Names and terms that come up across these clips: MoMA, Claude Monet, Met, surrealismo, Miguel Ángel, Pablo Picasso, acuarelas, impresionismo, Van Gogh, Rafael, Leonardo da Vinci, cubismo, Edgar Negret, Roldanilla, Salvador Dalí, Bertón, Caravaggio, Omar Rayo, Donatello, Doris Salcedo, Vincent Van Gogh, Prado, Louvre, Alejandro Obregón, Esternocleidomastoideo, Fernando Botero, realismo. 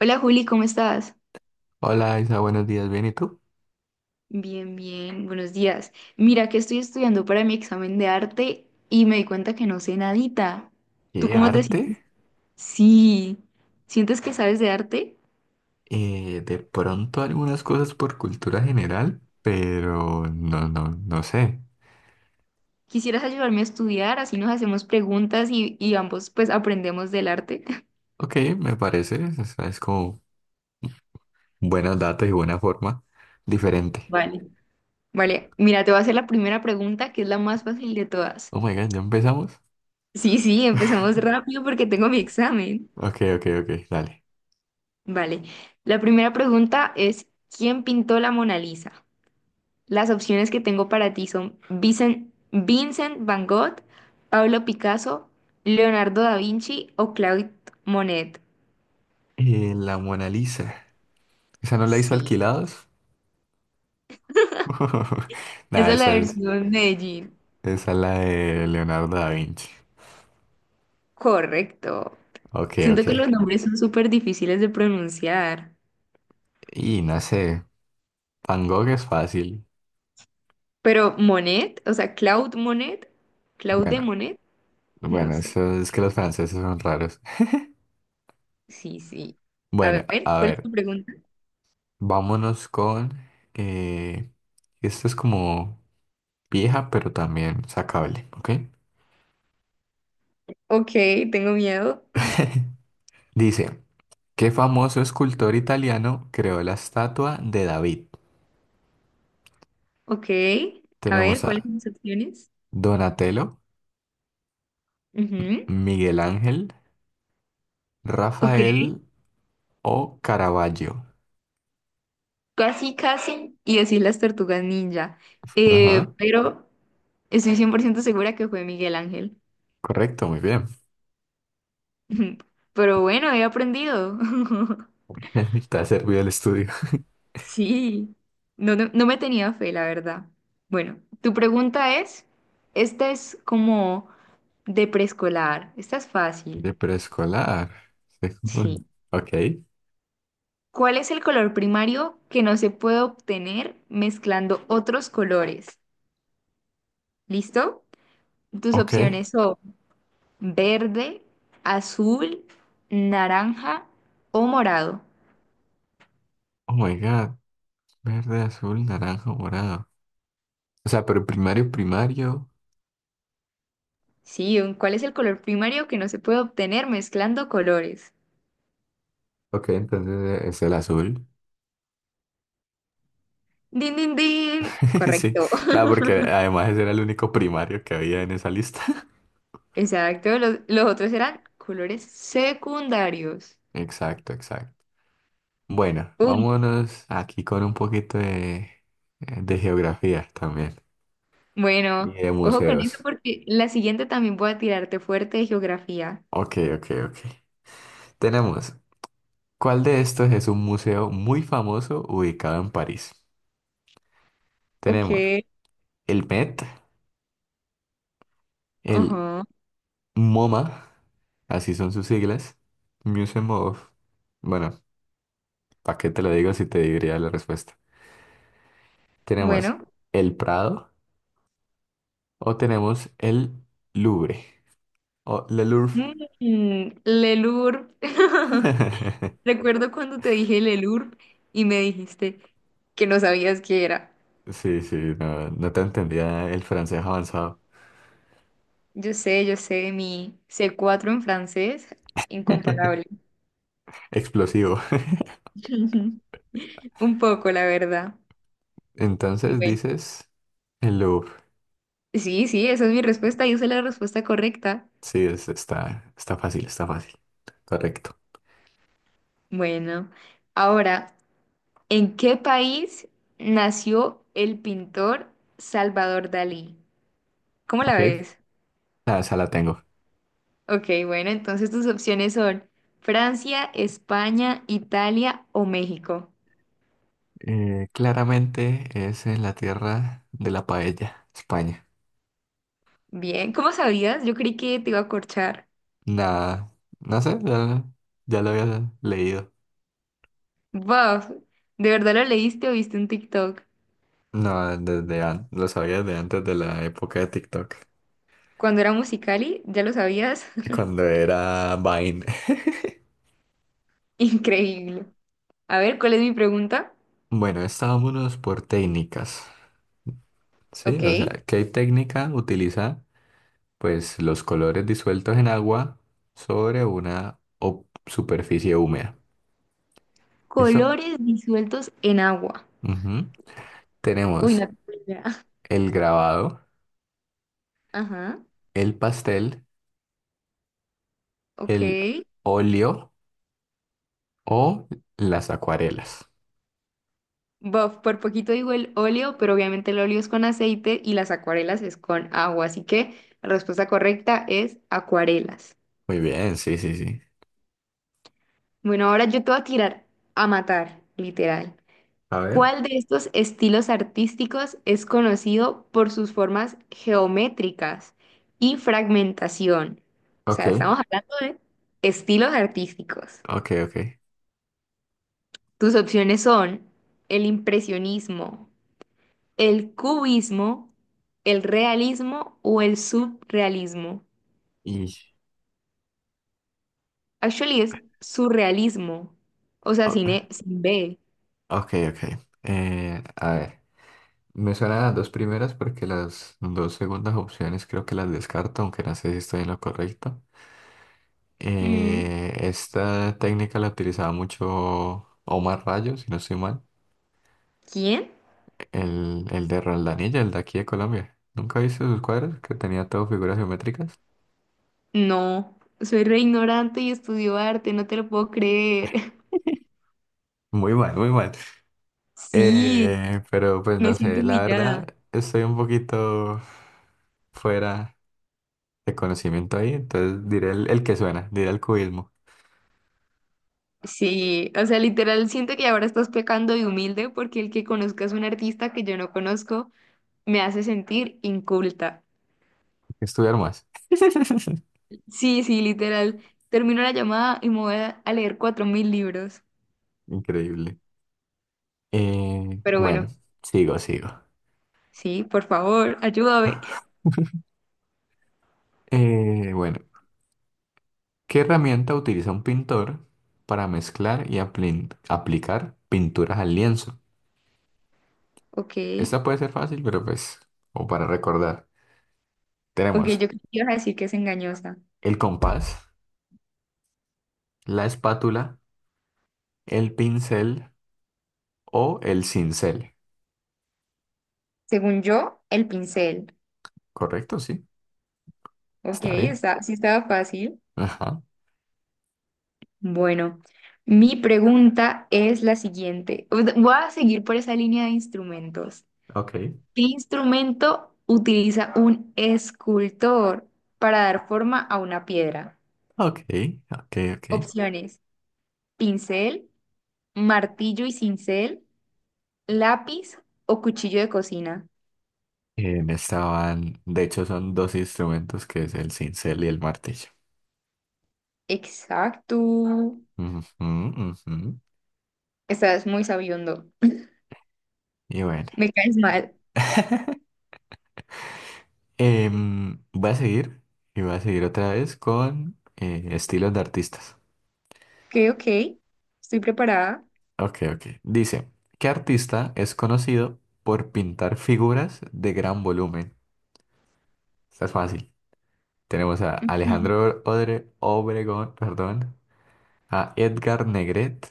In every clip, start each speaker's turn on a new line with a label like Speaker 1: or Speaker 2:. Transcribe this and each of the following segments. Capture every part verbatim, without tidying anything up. Speaker 1: Hola Juli, ¿cómo estás?
Speaker 2: Hola Isa, buenos días, ¿bien y tú?
Speaker 1: Bien, bien, buenos días. Mira que estoy estudiando para mi examen de arte y me di cuenta que no sé nadita. ¿Tú
Speaker 2: ¿Qué
Speaker 1: cómo te sientes?
Speaker 2: arte?
Speaker 1: Sí, ¿sientes que sabes de arte?
Speaker 2: Eh, de pronto algunas cosas por cultura general, pero no, no, no sé.
Speaker 1: ¿Quisieras ayudarme a estudiar? Así nos hacemos preguntas y, y ambos pues aprendemos del arte.
Speaker 2: Ok, me parece, o sea, es como buenos datos y buena forma, diferente.
Speaker 1: Vale. Vale, mira, te voy a hacer la primera pregunta que es la más fácil de todas.
Speaker 2: Oh my God, ¿ya empezamos?
Speaker 1: Sí, sí, empecemos rápido porque tengo mi examen.
Speaker 2: Ok, ok, ok, dale.
Speaker 1: Vale, la primera pregunta es, ¿quién pintó la Mona Lisa? Las opciones que tengo para ti son Vicen- Vincent, Van Gogh, Pablo Picasso, Leonardo da Vinci o Claude Monet.
Speaker 2: Eh, la Mona Lisa, ¿esa no la hizo
Speaker 1: Sí.
Speaker 2: Alquilados? Nada,
Speaker 1: Esa es la
Speaker 2: esa es,
Speaker 1: versión Medellín.
Speaker 2: esa es la de Leonardo da Vinci.
Speaker 1: Correcto.
Speaker 2: Ok, ok.
Speaker 1: Siento que los nombres son súper difíciles de pronunciar.
Speaker 2: Y no sé, Van Gogh es fácil.
Speaker 1: Pero Monet, o sea, Claude Monet, Claude
Speaker 2: Bueno.
Speaker 1: Monet, no
Speaker 2: Bueno,
Speaker 1: sé.
Speaker 2: eso es que los franceses son raros.
Speaker 1: Sí, sí. A
Speaker 2: Bueno,
Speaker 1: ver,
Speaker 2: a
Speaker 1: ¿cuál es
Speaker 2: ver,
Speaker 1: tu pregunta?
Speaker 2: vámonos con... eh, esto es como vieja, pero también sacable, ¿ok?
Speaker 1: Ok, tengo miedo.
Speaker 2: Dice, ¿qué famoso escultor italiano creó la estatua de David?
Speaker 1: Ok, a ver,
Speaker 2: Tenemos
Speaker 1: ¿cuáles
Speaker 2: a
Speaker 1: son las opciones?
Speaker 2: Donatello,
Speaker 1: Ujú.
Speaker 2: Miguel Ángel,
Speaker 1: Ok.
Speaker 2: Rafael o Caravaggio.
Speaker 1: Casi, casi, y decir las tortugas ninja. Eh,
Speaker 2: Ajá,
Speaker 1: pero estoy cien por ciento segura que fue Miguel Ángel.
Speaker 2: correcto, muy bien.
Speaker 1: Pero bueno, he aprendido.
Speaker 2: Te ha servido el estudio.
Speaker 1: Sí, no, no, no me tenía fe, la verdad. Bueno, tu pregunta es, esta es como de preescolar, esta es
Speaker 2: De
Speaker 1: fácil.
Speaker 2: preescolar.
Speaker 1: Sí.
Speaker 2: Ok,
Speaker 1: ¿Cuál es el color primario que no se puede obtener mezclando otros colores? ¿Listo? Tus
Speaker 2: ok.
Speaker 1: opciones son verde, azul, naranja o morado.
Speaker 2: Oh my God. Verde, azul, naranja, morado. O sea, pero primario, primario.
Speaker 1: Sí, un- ¿cuál es el color primario que no se puede obtener mezclando colores?
Speaker 2: Ok, entonces eh, es el azul.
Speaker 1: Din, din, din.
Speaker 2: Sí,
Speaker 1: Correcto.
Speaker 2: claro, porque además ese era el único primario que había en esa lista.
Speaker 1: Exacto. Los, los otros eran colores secundarios.
Speaker 2: Exacto, exacto. Bueno,
Speaker 1: Uy,
Speaker 2: vámonos aquí con un poquito de, eh, de geografía también y
Speaker 1: bueno,
Speaker 2: de
Speaker 1: ojo con eso
Speaker 2: museos.
Speaker 1: porque la siguiente también voy a tirarte fuerte de geografía.
Speaker 2: Ok, ok, ok. Tenemos, ¿cuál de estos es un museo muy famoso ubicado en París? Tenemos
Speaker 1: Ok.
Speaker 2: el Met, el
Speaker 1: Ajá.
Speaker 2: MoMA, así son sus siglas, Museum of... Bueno, ¿para qué te lo digo si te diría la respuesta? Tenemos
Speaker 1: Bueno.
Speaker 2: el Prado o tenemos el Louvre o Le Louvre.
Speaker 1: Mm, Lelur. Recuerdo cuando te dije el E L U R P y me dijiste que no sabías qué era.
Speaker 2: Sí, sí, no, no te entendía el francés avanzado.
Speaker 1: Yo sé, yo sé, mi c cuatro en francés, incomparable.
Speaker 2: Explosivo.
Speaker 1: Un poco, la verdad.
Speaker 2: Entonces
Speaker 1: Bueno,
Speaker 2: dices el Louvre.
Speaker 1: sí, sí, esa es mi respuesta. Y esa es la respuesta correcta.
Speaker 2: Sí, es- está, está fácil, está fácil. Correcto.
Speaker 1: Bueno, ahora, ¿en qué país nació el pintor Salvador Dalí? ¿Cómo la
Speaker 2: Ok,
Speaker 1: ves?
Speaker 2: ah, esa la tengo.
Speaker 1: Ok, bueno, entonces tus opciones son Francia, España, Italia o México.
Speaker 2: Eh, claramente es en la tierra de la paella, España.
Speaker 1: Bien, ¿cómo sabías? Yo creí que te iba a corchar.
Speaker 2: Nada, no sé, ya, ya lo había leído.
Speaker 1: Wow, ¿de verdad lo leíste o viste un TikTok?
Speaker 2: No, desde an- lo sabía desde antes de la época de TikTok,
Speaker 1: Cuando era Musicali, ¿ya lo sabías?
Speaker 2: cuando era Vine.
Speaker 1: Increíble. A ver, ¿cuál es mi pregunta?
Speaker 2: Bueno, estábamos por técnicas, ¿sí?
Speaker 1: Ok.
Speaker 2: O sea, ¿qué técnica utiliza? Pues los colores disueltos en agua sobre una o- superficie húmeda. ¿Listo?
Speaker 1: Colores disueltos en agua.
Speaker 2: Ujú.
Speaker 1: Uy,
Speaker 2: Tenemos
Speaker 1: no tengo idea.
Speaker 2: el grabado,
Speaker 1: Ajá,
Speaker 2: el pastel,
Speaker 1: ok.
Speaker 2: el óleo o las acuarelas.
Speaker 1: Buff, por poquito digo el óleo, pero obviamente el óleo es con aceite y las acuarelas es con agua, así que la respuesta correcta es acuarelas.
Speaker 2: Muy bien, sí, sí, sí.
Speaker 1: Bueno, ahora yo te voy a tirar a matar, literal.
Speaker 2: A ver.
Speaker 1: ¿Cuál de estos estilos artísticos es conocido por sus formas geométricas y fragmentación? O
Speaker 2: Ok,
Speaker 1: sea, estamos hablando de estilos artísticos.
Speaker 2: ok, ok.
Speaker 1: Tus opciones son el impresionismo, el cubismo, el realismo o el subrealismo.
Speaker 2: Y...
Speaker 1: Actually es surrealismo, o sea, sin,
Speaker 2: o-
Speaker 1: E- sin B.
Speaker 2: Ok, ok. Eh, a ver, me suenan las dos primeras porque las dos segundas opciones creo que las descarto, aunque no sé si estoy en lo correcto.
Speaker 1: Mm,
Speaker 2: Eh, esta técnica la utilizaba mucho Omar Rayo, si no estoy mal,
Speaker 1: ¿Quién?
Speaker 2: el, el de Roldanilla, el de aquí de Colombia. ¿Nunca viste sus cuadros que tenía todo figuras geométricas?
Speaker 1: No, soy re ignorante y estudio arte, no te lo puedo creer.
Speaker 2: Muy mal, muy mal.
Speaker 1: Sí,
Speaker 2: Eh, pero pues
Speaker 1: me
Speaker 2: no
Speaker 1: siento
Speaker 2: sé, la
Speaker 1: humillada.
Speaker 2: verdad estoy un poquito fuera de conocimiento ahí, entonces diré el, el que suena, diré el cubismo,
Speaker 1: Sí, o sea, literal siento que ahora estás pecando de humilde porque el que conozcas a un artista que yo no conozco me hace sentir inculta.
Speaker 2: hay que estudiar más.
Speaker 1: Sí, sí, literal. Termino la llamada y me voy a a leer cuatro mil libros.
Speaker 2: Increíble. Eh,
Speaker 1: Pero
Speaker 2: bueno,
Speaker 1: bueno,
Speaker 2: sigo, sigo.
Speaker 1: sí, por favor, ayúdame.
Speaker 2: Eh, bueno, ¿qué herramienta utiliza un pintor para mezclar y apli- aplicar pinturas al lienzo?
Speaker 1: Ok,
Speaker 2: Esta puede ser fácil, pero pues, o para recordar.
Speaker 1: ok, yo
Speaker 2: Tenemos
Speaker 1: creo que ibas a decir que es engañosa.
Speaker 2: el compás, la espátula, el pincel o el cincel.
Speaker 1: Según yo, el pincel.
Speaker 2: ¿Correcto? Sí.
Speaker 1: Ok,
Speaker 2: Está bien.
Speaker 1: está, sí estaba fácil.
Speaker 2: Ajá.
Speaker 1: Bueno, mi pregunta es la siguiente. Voy a seguir por esa línea de instrumentos.
Speaker 2: Ok.
Speaker 1: ¿Qué instrumento utiliza un escultor para dar forma a una piedra?
Speaker 2: Ok. Ok. Ok.
Speaker 1: Opciones: pincel, martillo y cincel, lápiz o cuchillo de cocina.
Speaker 2: Eh, me estaban. De hecho, son dos instrumentos que es el cincel y el martillo.
Speaker 1: Exacto.
Speaker 2: Ujú, ujú.
Speaker 1: Estás muy sabiendo.
Speaker 2: Y bueno.
Speaker 1: Me caes mal.
Speaker 2: Em, voy a seguir. Y voy a seguir otra vez con eh, estilos de artistas.
Speaker 1: Ok, ok. Estoy preparada.
Speaker 2: Ok, ok. Dice, ¿qué artista es conocido por pintar figuras de gran volumen? Esta es fácil. Tenemos a Alejandro Odre- Obregón, perdón, a Edgar Negret,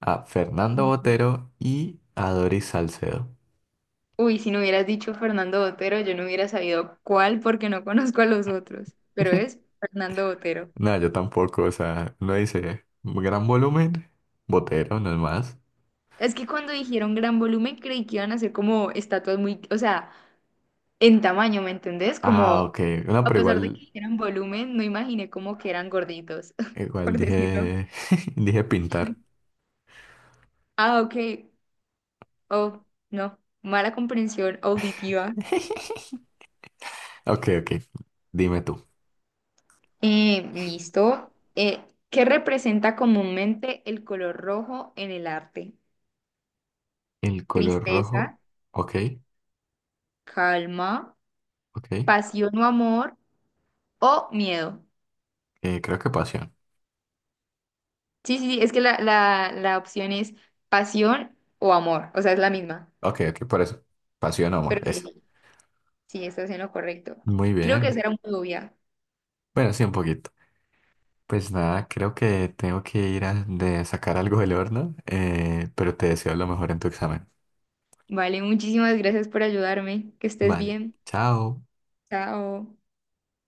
Speaker 2: a Fernando
Speaker 1: Ujú.
Speaker 2: Botero y a Doris Salcedo.
Speaker 1: Uy, si no hubieras dicho Fernando Botero, yo no hubiera sabido cuál porque no conozco a los otros, pero es Fernando Botero.
Speaker 2: No, yo tampoco, o sea, no dice gran volumen, Botero, no es más.
Speaker 1: Es que cuando dijeron gran volumen creí que iban a ser como estatuas muy, o sea, en tamaño, ¿me entendés?
Speaker 2: Ah,
Speaker 1: Como,
Speaker 2: ok, no,
Speaker 1: a
Speaker 2: pero
Speaker 1: pesar de que
Speaker 2: igual,
Speaker 1: dijeron volumen, no imaginé como que eran gorditos,
Speaker 2: igual
Speaker 1: por decirlo.
Speaker 2: dije, dije pintar.
Speaker 1: Ah, ok. Oh, no. Mala comprensión auditiva.
Speaker 2: Ok, ok, dime tú.
Speaker 1: Eh, listo. Eh, ¿qué representa comúnmente el color rojo en el arte?
Speaker 2: El color rojo,
Speaker 1: Tristeza,
Speaker 2: ok,
Speaker 1: calma,
Speaker 2: ok,
Speaker 1: pasión o amor o miedo.
Speaker 2: eh, creo que pasión.
Speaker 1: Sí, sí, sí, es que la, la, la opción es pasión o amor, o sea, es la misma.
Speaker 2: Ok, ok, por eso, pasión, amor,
Speaker 1: Pero sí,
Speaker 2: esa.
Speaker 1: sí, estás en lo correcto.
Speaker 2: Muy
Speaker 1: Creo que
Speaker 2: bien,
Speaker 1: esa era muy obvia.
Speaker 2: bueno, sí, un poquito. Pues nada, creo que tengo que ir a de sacar algo del horno, eh, pero te deseo lo mejor en tu examen.
Speaker 1: Vale, muchísimas gracias por ayudarme. Que estés
Speaker 2: Vale,
Speaker 1: bien.
Speaker 2: chao.
Speaker 1: Chao.